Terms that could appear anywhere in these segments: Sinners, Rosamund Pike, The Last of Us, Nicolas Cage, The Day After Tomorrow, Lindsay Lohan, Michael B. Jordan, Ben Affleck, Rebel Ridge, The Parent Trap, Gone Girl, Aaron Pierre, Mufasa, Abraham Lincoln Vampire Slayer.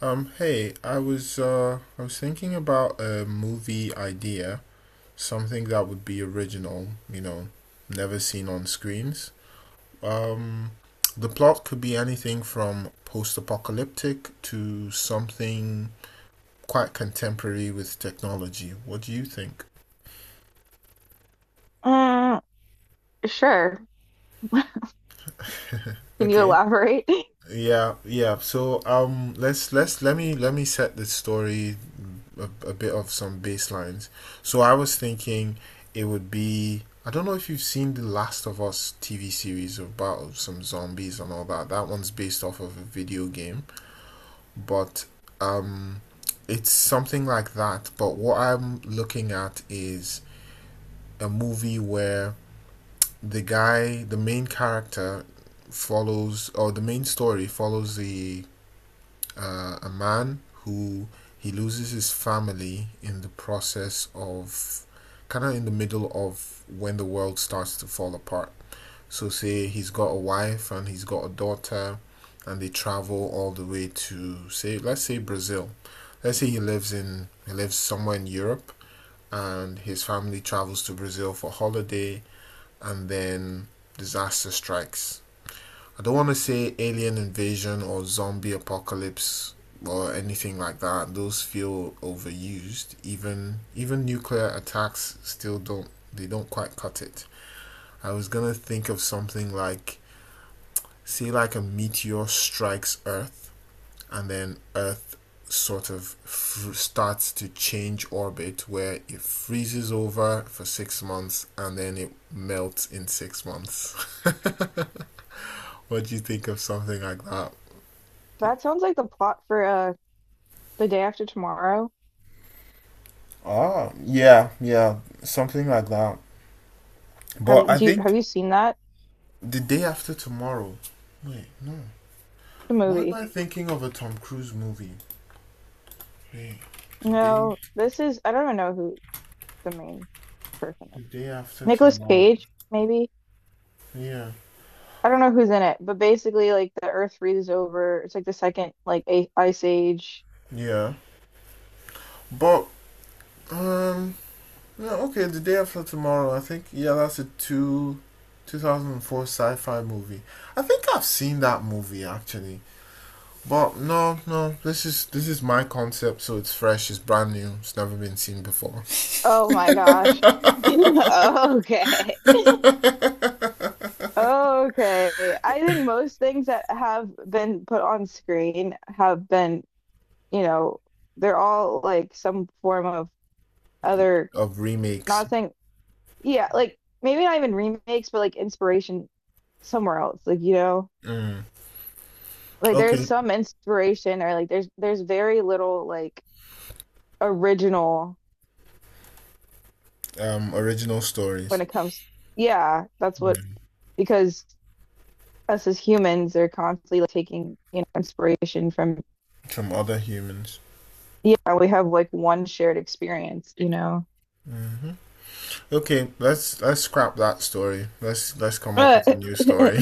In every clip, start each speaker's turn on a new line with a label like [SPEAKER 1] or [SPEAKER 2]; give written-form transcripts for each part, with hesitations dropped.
[SPEAKER 1] Hey, I was thinking about a movie idea, something that would be original, never seen on screens. Um, the plot could be anything from post-apocalyptic to something quite contemporary with technology. What do you think?
[SPEAKER 2] Mm, sure. Can you
[SPEAKER 1] Okay.
[SPEAKER 2] elaborate?
[SPEAKER 1] Yeah, yeah. So let me set the story a bit of some baselines. So I was thinking it would be I don't know if you've seen the Last of Us TV series about some zombies and all that. That one's based off of a video game, but um, it's something like that. But what I'm looking at is a movie where the main character, follows or the main story follows the a man who he loses his family in the process of kind of in the middle of when the world starts to fall apart. So, say he's got a wife and he's got a daughter, and they travel all the way to say, let's say Brazil. Let's say he lives somewhere in Europe, and his family travels to Brazil for holiday, and then disaster strikes. I don't want to say alien invasion or zombie apocalypse or anything like that. Those feel overused. Even nuclear attacks still don't they don't quite cut it. I was gonna think of something like say like a meteor strikes Earth and then Earth starts to change orbit where it freezes over for 6 months and then it melts in 6 months. What do you think of something like that?
[SPEAKER 2] That sounds like the plot for The Day After Tomorrow.
[SPEAKER 1] Ah, yeah, yeah, something like that. But I
[SPEAKER 2] Have
[SPEAKER 1] think
[SPEAKER 2] you seen that?
[SPEAKER 1] the day after tomorrow. Wait,
[SPEAKER 2] The
[SPEAKER 1] why am
[SPEAKER 2] movie.
[SPEAKER 1] I thinking of a Tom Cruise movie? Wait, the day,
[SPEAKER 2] No, this is I don't even know who the main person
[SPEAKER 1] the
[SPEAKER 2] is.
[SPEAKER 1] day after
[SPEAKER 2] Nicolas
[SPEAKER 1] tomorrow.
[SPEAKER 2] Cage, maybe?
[SPEAKER 1] Yeah,
[SPEAKER 2] I don't know who's in it, but basically like the Earth freezes over. It's like the second like a ice age.
[SPEAKER 1] yeah. But um, yeah, okay, the day after tomorrow. I think yeah, 2004 sci-fi movie. I think I've seen that movie actually. But no, no, this is my concept, so it's fresh, it's brand new, it's never been seen before.
[SPEAKER 2] Oh my gosh. Okay. Okay. I think most things that have been put on screen have been you know, they're all like some form of other,
[SPEAKER 1] Of remakes.
[SPEAKER 2] not saying, yeah, like maybe not even remakes, but like inspiration somewhere else. Like,
[SPEAKER 1] Mm.
[SPEAKER 2] like there's
[SPEAKER 1] Okay.
[SPEAKER 2] some inspiration or like there's very little like original
[SPEAKER 1] Original
[SPEAKER 2] when
[SPEAKER 1] stories.
[SPEAKER 2] it comes, yeah, that's what,
[SPEAKER 1] Mm.
[SPEAKER 2] because us as humans are constantly like taking, you know, inspiration from,
[SPEAKER 1] From other humans.
[SPEAKER 2] yeah, we have like one shared experience, you know.
[SPEAKER 1] Okay, let's scrap that story. Let's come up with a new story.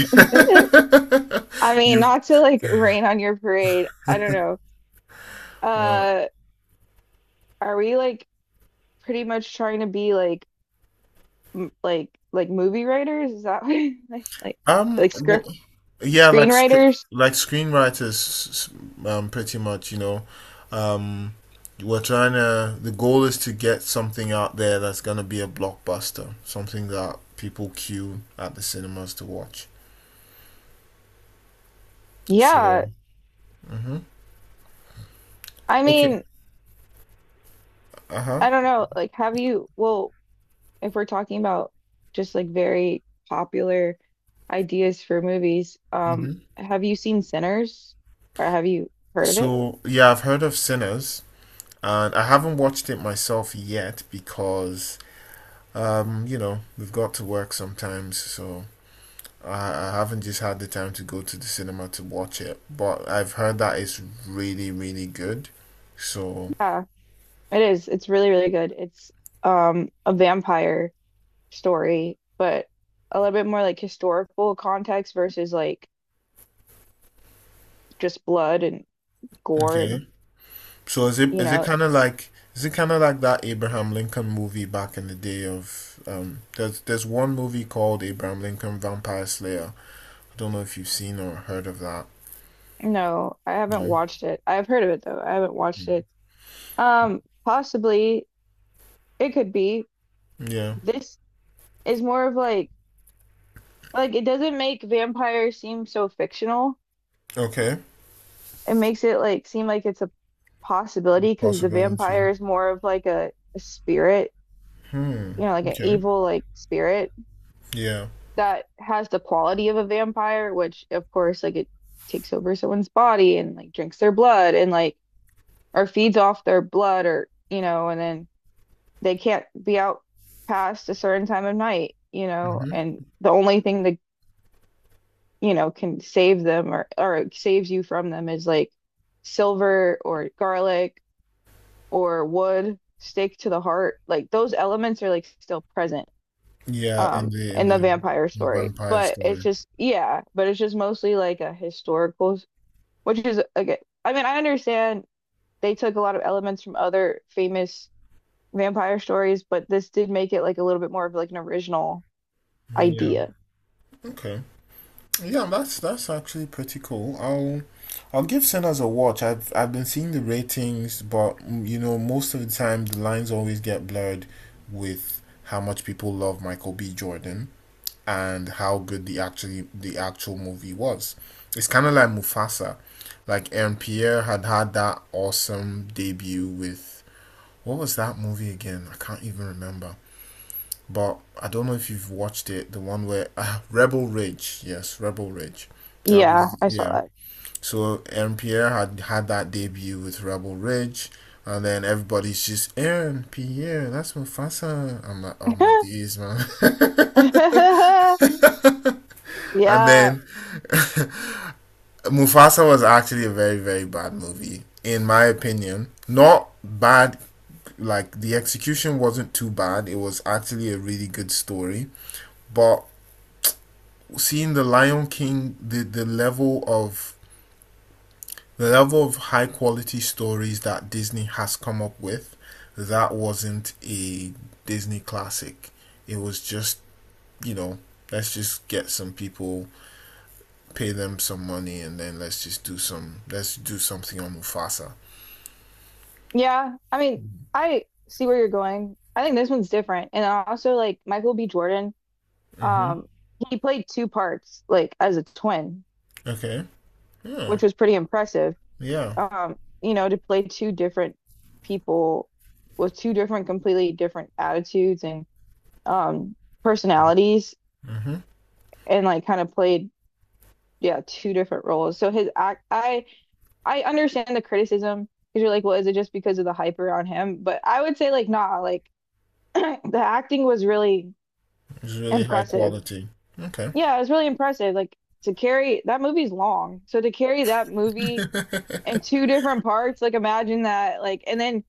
[SPEAKER 2] I mean,
[SPEAKER 1] you
[SPEAKER 2] not to like rain on your parade. I don't know.
[SPEAKER 1] uh,
[SPEAKER 2] Uh, are we like pretty much trying to be like m like movie writers? Is that what like like
[SPEAKER 1] um wha-
[SPEAKER 2] script
[SPEAKER 1] yeah,
[SPEAKER 2] screenwriters?
[SPEAKER 1] like screenwriters, pretty much. You know, um, we're trying to. The goal is to get something out there that's gonna be a blockbuster, something that people queue at the cinemas to watch.
[SPEAKER 2] Yeah.
[SPEAKER 1] So, mhm.
[SPEAKER 2] I
[SPEAKER 1] Okay,
[SPEAKER 2] mean,
[SPEAKER 1] uh huh.
[SPEAKER 2] I don't know. Like, have you? Well, if we're talking about just like very popular ideas for movies, have you seen Sinners? Or have you heard of it?
[SPEAKER 1] So yeah, I've heard of Sinners, and I haven't watched it myself yet because you know we've got to work sometimes, so I haven't just had the time to go to the cinema to watch it. But I've heard that it's really really good. So
[SPEAKER 2] Yeah, it is. It's really really good. It's a vampire story, but a little bit more like historical context versus like just blood and gore, and
[SPEAKER 1] okay, so
[SPEAKER 2] you
[SPEAKER 1] is it
[SPEAKER 2] know.
[SPEAKER 1] kind of like is it kind of like that Abraham Lincoln movie back in the day of um? There's one movie called Abraham Lincoln Vampire Slayer. I don't know if you've seen or heard of that.
[SPEAKER 2] No, I haven't
[SPEAKER 1] No.
[SPEAKER 2] watched it. I've heard of it though. I haven't watched
[SPEAKER 1] Mm.
[SPEAKER 2] it. Possibly it could be.
[SPEAKER 1] Yeah.
[SPEAKER 2] This is more of like it doesn't make vampires seem so fictional.
[SPEAKER 1] Okay.
[SPEAKER 2] It makes it like seem like it's a possibility because the
[SPEAKER 1] Possibility.
[SPEAKER 2] vampire is more of like a spirit,
[SPEAKER 1] Hmm.
[SPEAKER 2] you know, like an
[SPEAKER 1] Okay.
[SPEAKER 2] evil like spirit
[SPEAKER 1] Yeah.
[SPEAKER 2] that has the quality of a vampire, which of course, like it takes over someone's body and like drinks their blood and like or feeds off their blood or, you know, and then they can't be out past a certain time of night, you know,
[SPEAKER 1] Hmm.
[SPEAKER 2] and the only thing that you know can save them or saves you from them is like silver or garlic or wood stake to the heart. Like those elements are like still present
[SPEAKER 1] Yeah.
[SPEAKER 2] in the vampire
[SPEAKER 1] In the
[SPEAKER 2] story,
[SPEAKER 1] vampire
[SPEAKER 2] but it's
[SPEAKER 1] story.
[SPEAKER 2] just, yeah, but it's just mostly like a historical, which is again, I mean I understand they took a lot of elements from other famous vampire stories, but this did make it like a little bit more of like an original
[SPEAKER 1] Yeah.
[SPEAKER 2] idea.
[SPEAKER 1] Okay. Yeah, that's actually pretty cool. I'll give Sinners a watch. I've been seeing the ratings, but mm, you know, most of the time the lines always get blurred with how much people love Michael B. Jordan and how good the actual movie was. It's kind of like Mufasa. Like Aaron Pierre had that awesome debut with what was that movie again? I can't even remember but I don't know if you've watched it, the one where ah, Rebel Ridge, yes, Rebel Ridge. That
[SPEAKER 2] Yeah,
[SPEAKER 1] was
[SPEAKER 2] I
[SPEAKER 1] yeah.
[SPEAKER 2] saw
[SPEAKER 1] So Aaron Pierre had that debut with Rebel Ridge, and then everybody's just Aaron Pierre, that's Mufasa. I'm like, oh my
[SPEAKER 2] that.
[SPEAKER 1] days, man. And
[SPEAKER 2] Yeah,
[SPEAKER 1] then Mufasa was actually a very, very bad movie, in my opinion. Not bad, like the execution wasn't too bad. It was actually a really good story. But seeing the Lion King, the level of high quality stories that Disney has come up with, that wasn't a Disney classic. It was just you know let's just get some people, pay them some money, and then let's do something on Mufasa.
[SPEAKER 2] yeah, I mean, I see where you're going. I think this one's different, and also like Michael B. Jordan,
[SPEAKER 1] Hmm.
[SPEAKER 2] um he played two parts like as a twin,
[SPEAKER 1] Okay. Yeah.
[SPEAKER 2] which was pretty impressive.
[SPEAKER 1] Yeah.
[SPEAKER 2] You know, to play two different people with two different, completely different attitudes and um personalities,
[SPEAKER 1] Hmm.
[SPEAKER 2] and like kind of played, yeah, two different roles. So his act I understand the criticism because you're like, well, is it just because of the hype around him? But I would say like nah, like the acting was really
[SPEAKER 1] It's really high
[SPEAKER 2] impressive.
[SPEAKER 1] quality. Okay.
[SPEAKER 2] Yeah, it was really impressive. Like to carry that movie's long. So to carry that movie in two different parts, like imagine that, like and then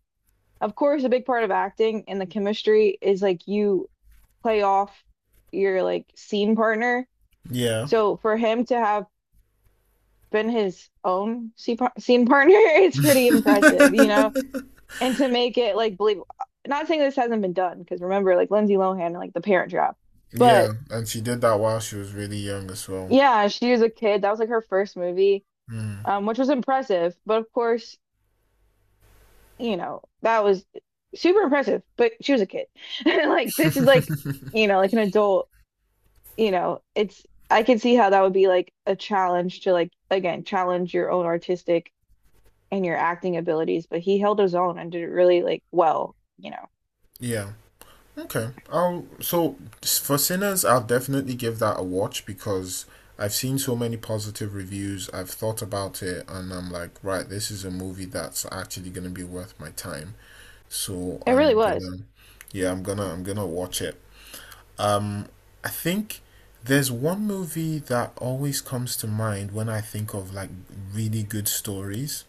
[SPEAKER 2] of course, a big part of acting and the chemistry is like you play off your like scene partner.
[SPEAKER 1] Yeah.
[SPEAKER 2] So for him to have been his own scene partner, it's pretty impressive, you know? And to make it like believable. Not saying this hasn't been done, because remember, like Lindsay Lohan and like The Parent Trap.
[SPEAKER 1] Yeah,
[SPEAKER 2] But
[SPEAKER 1] and she did that while she was really young as well.
[SPEAKER 2] yeah, she was a kid. That was like her first movie,
[SPEAKER 1] Mm.
[SPEAKER 2] which was impressive. But of course, you know, that was super impressive, but she was a kid. Like this is like, you know, like an adult, you know, it's I can see how that would be like a challenge to like again challenge your own artistic and your acting abilities, but he held his own and did it really like well, you know.
[SPEAKER 1] Yeah. Okay. I'll so for Sinners, I'll definitely give that a watch because I've seen so many positive reviews. I've thought about it and I'm like, right, this is a movie that's actually gonna be worth my time. So
[SPEAKER 2] It really was.
[SPEAKER 1] yeah, I'm gonna watch it. Um, I think there's one movie that always comes to mind when I think of like really good stories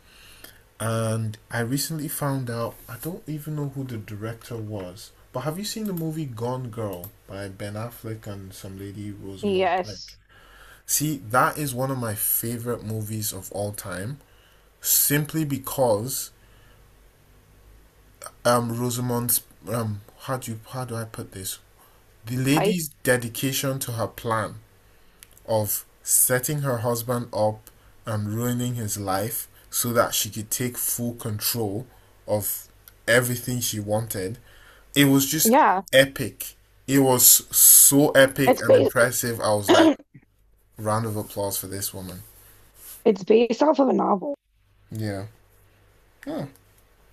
[SPEAKER 1] and I recently found out I don't even know who the director was. But have you seen the movie Gone Girl by Ben Affleck and some lady Rosamund Pike?
[SPEAKER 2] Yes,
[SPEAKER 1] See, that is one of my favorite movies of all time, simply because Rosamund's how do you how do I put this? The
[SPEAKER 2] Pike.
[SPEAKER 1] lady's dedication to her plan of setting her husband up and ruining his life so that she could take full control of everything she wanted. It was just
[SPEAKER 2] Yeah,
[SPEAKER 1] epic. It was so epic
[SPEAKER 2] it's
[SPEAKER 1] and
[SPEAKER 2] based
[SPEAKER 1] impressive. I was like, round of applause for this woman.
[SPEAKER 2] it's based off of a novel.
[SPEAKER 1] Yeah. Huh.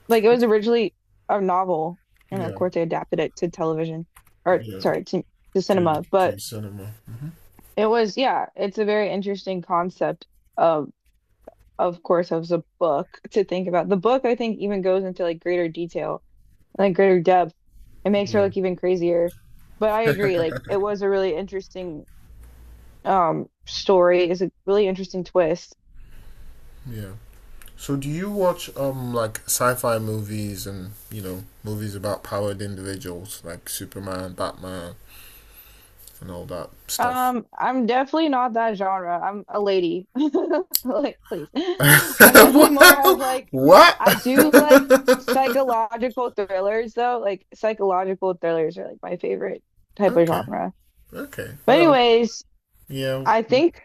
[SPEAKER 2] Like it was originally a novel, and of
[SPEAKER 1] Yeah.
[SPEAKER 2] course they adapted it to television, or
[SPEAKER 1] Yeah.
[SPEAKER 2] sorry, to cinema,
[SPEAKER 1] To
[SPEAKER 2] but
[SPEAKER 1] cinema.
[SPEAKER 2] it was, yeah, it's a very interesting concept of of course, of the book to think about. The book I think even goes into like greater detail, like greater depth. It makes her
[SPEAKER 1] Yeah.
[SPEAKER 2] look even crazier. But I agree, like it was a really interesting story. It's a really interesting twist.
[SPEAKER 1] Yeah. So do you watch like sci-fi movies and you know movies about powered individuals like Superman, Batman, and all that stuff.
[SPEAKER 2] I'm definitely not that genre. I'm a lady. Like, please. I'm definitely more of like,
[SPEAKER 1] What?
[SPEAKER 2] I do like psychological thrillers though. Like psychological thrillers are like my favorite type of
[SPEAKER 1] Okay,
[SPEAKER 2] genre.
[SPEAKER 1] okay.
[SPEAKER 2] But
[SPEAKER 1] Well,
[SPEAKER 2] anyways,
[SPEAKER 1] yeah.
[SPEAKER 2] I think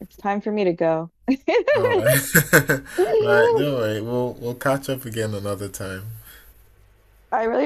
[SPEAKER 2] it's time for me to go.
[SPEAKER 1] All right, right.
[SPEAKER 2] I
[SPEAKER 1] Don't worry. We'll catch up again another time.
[SPEAKER 2] really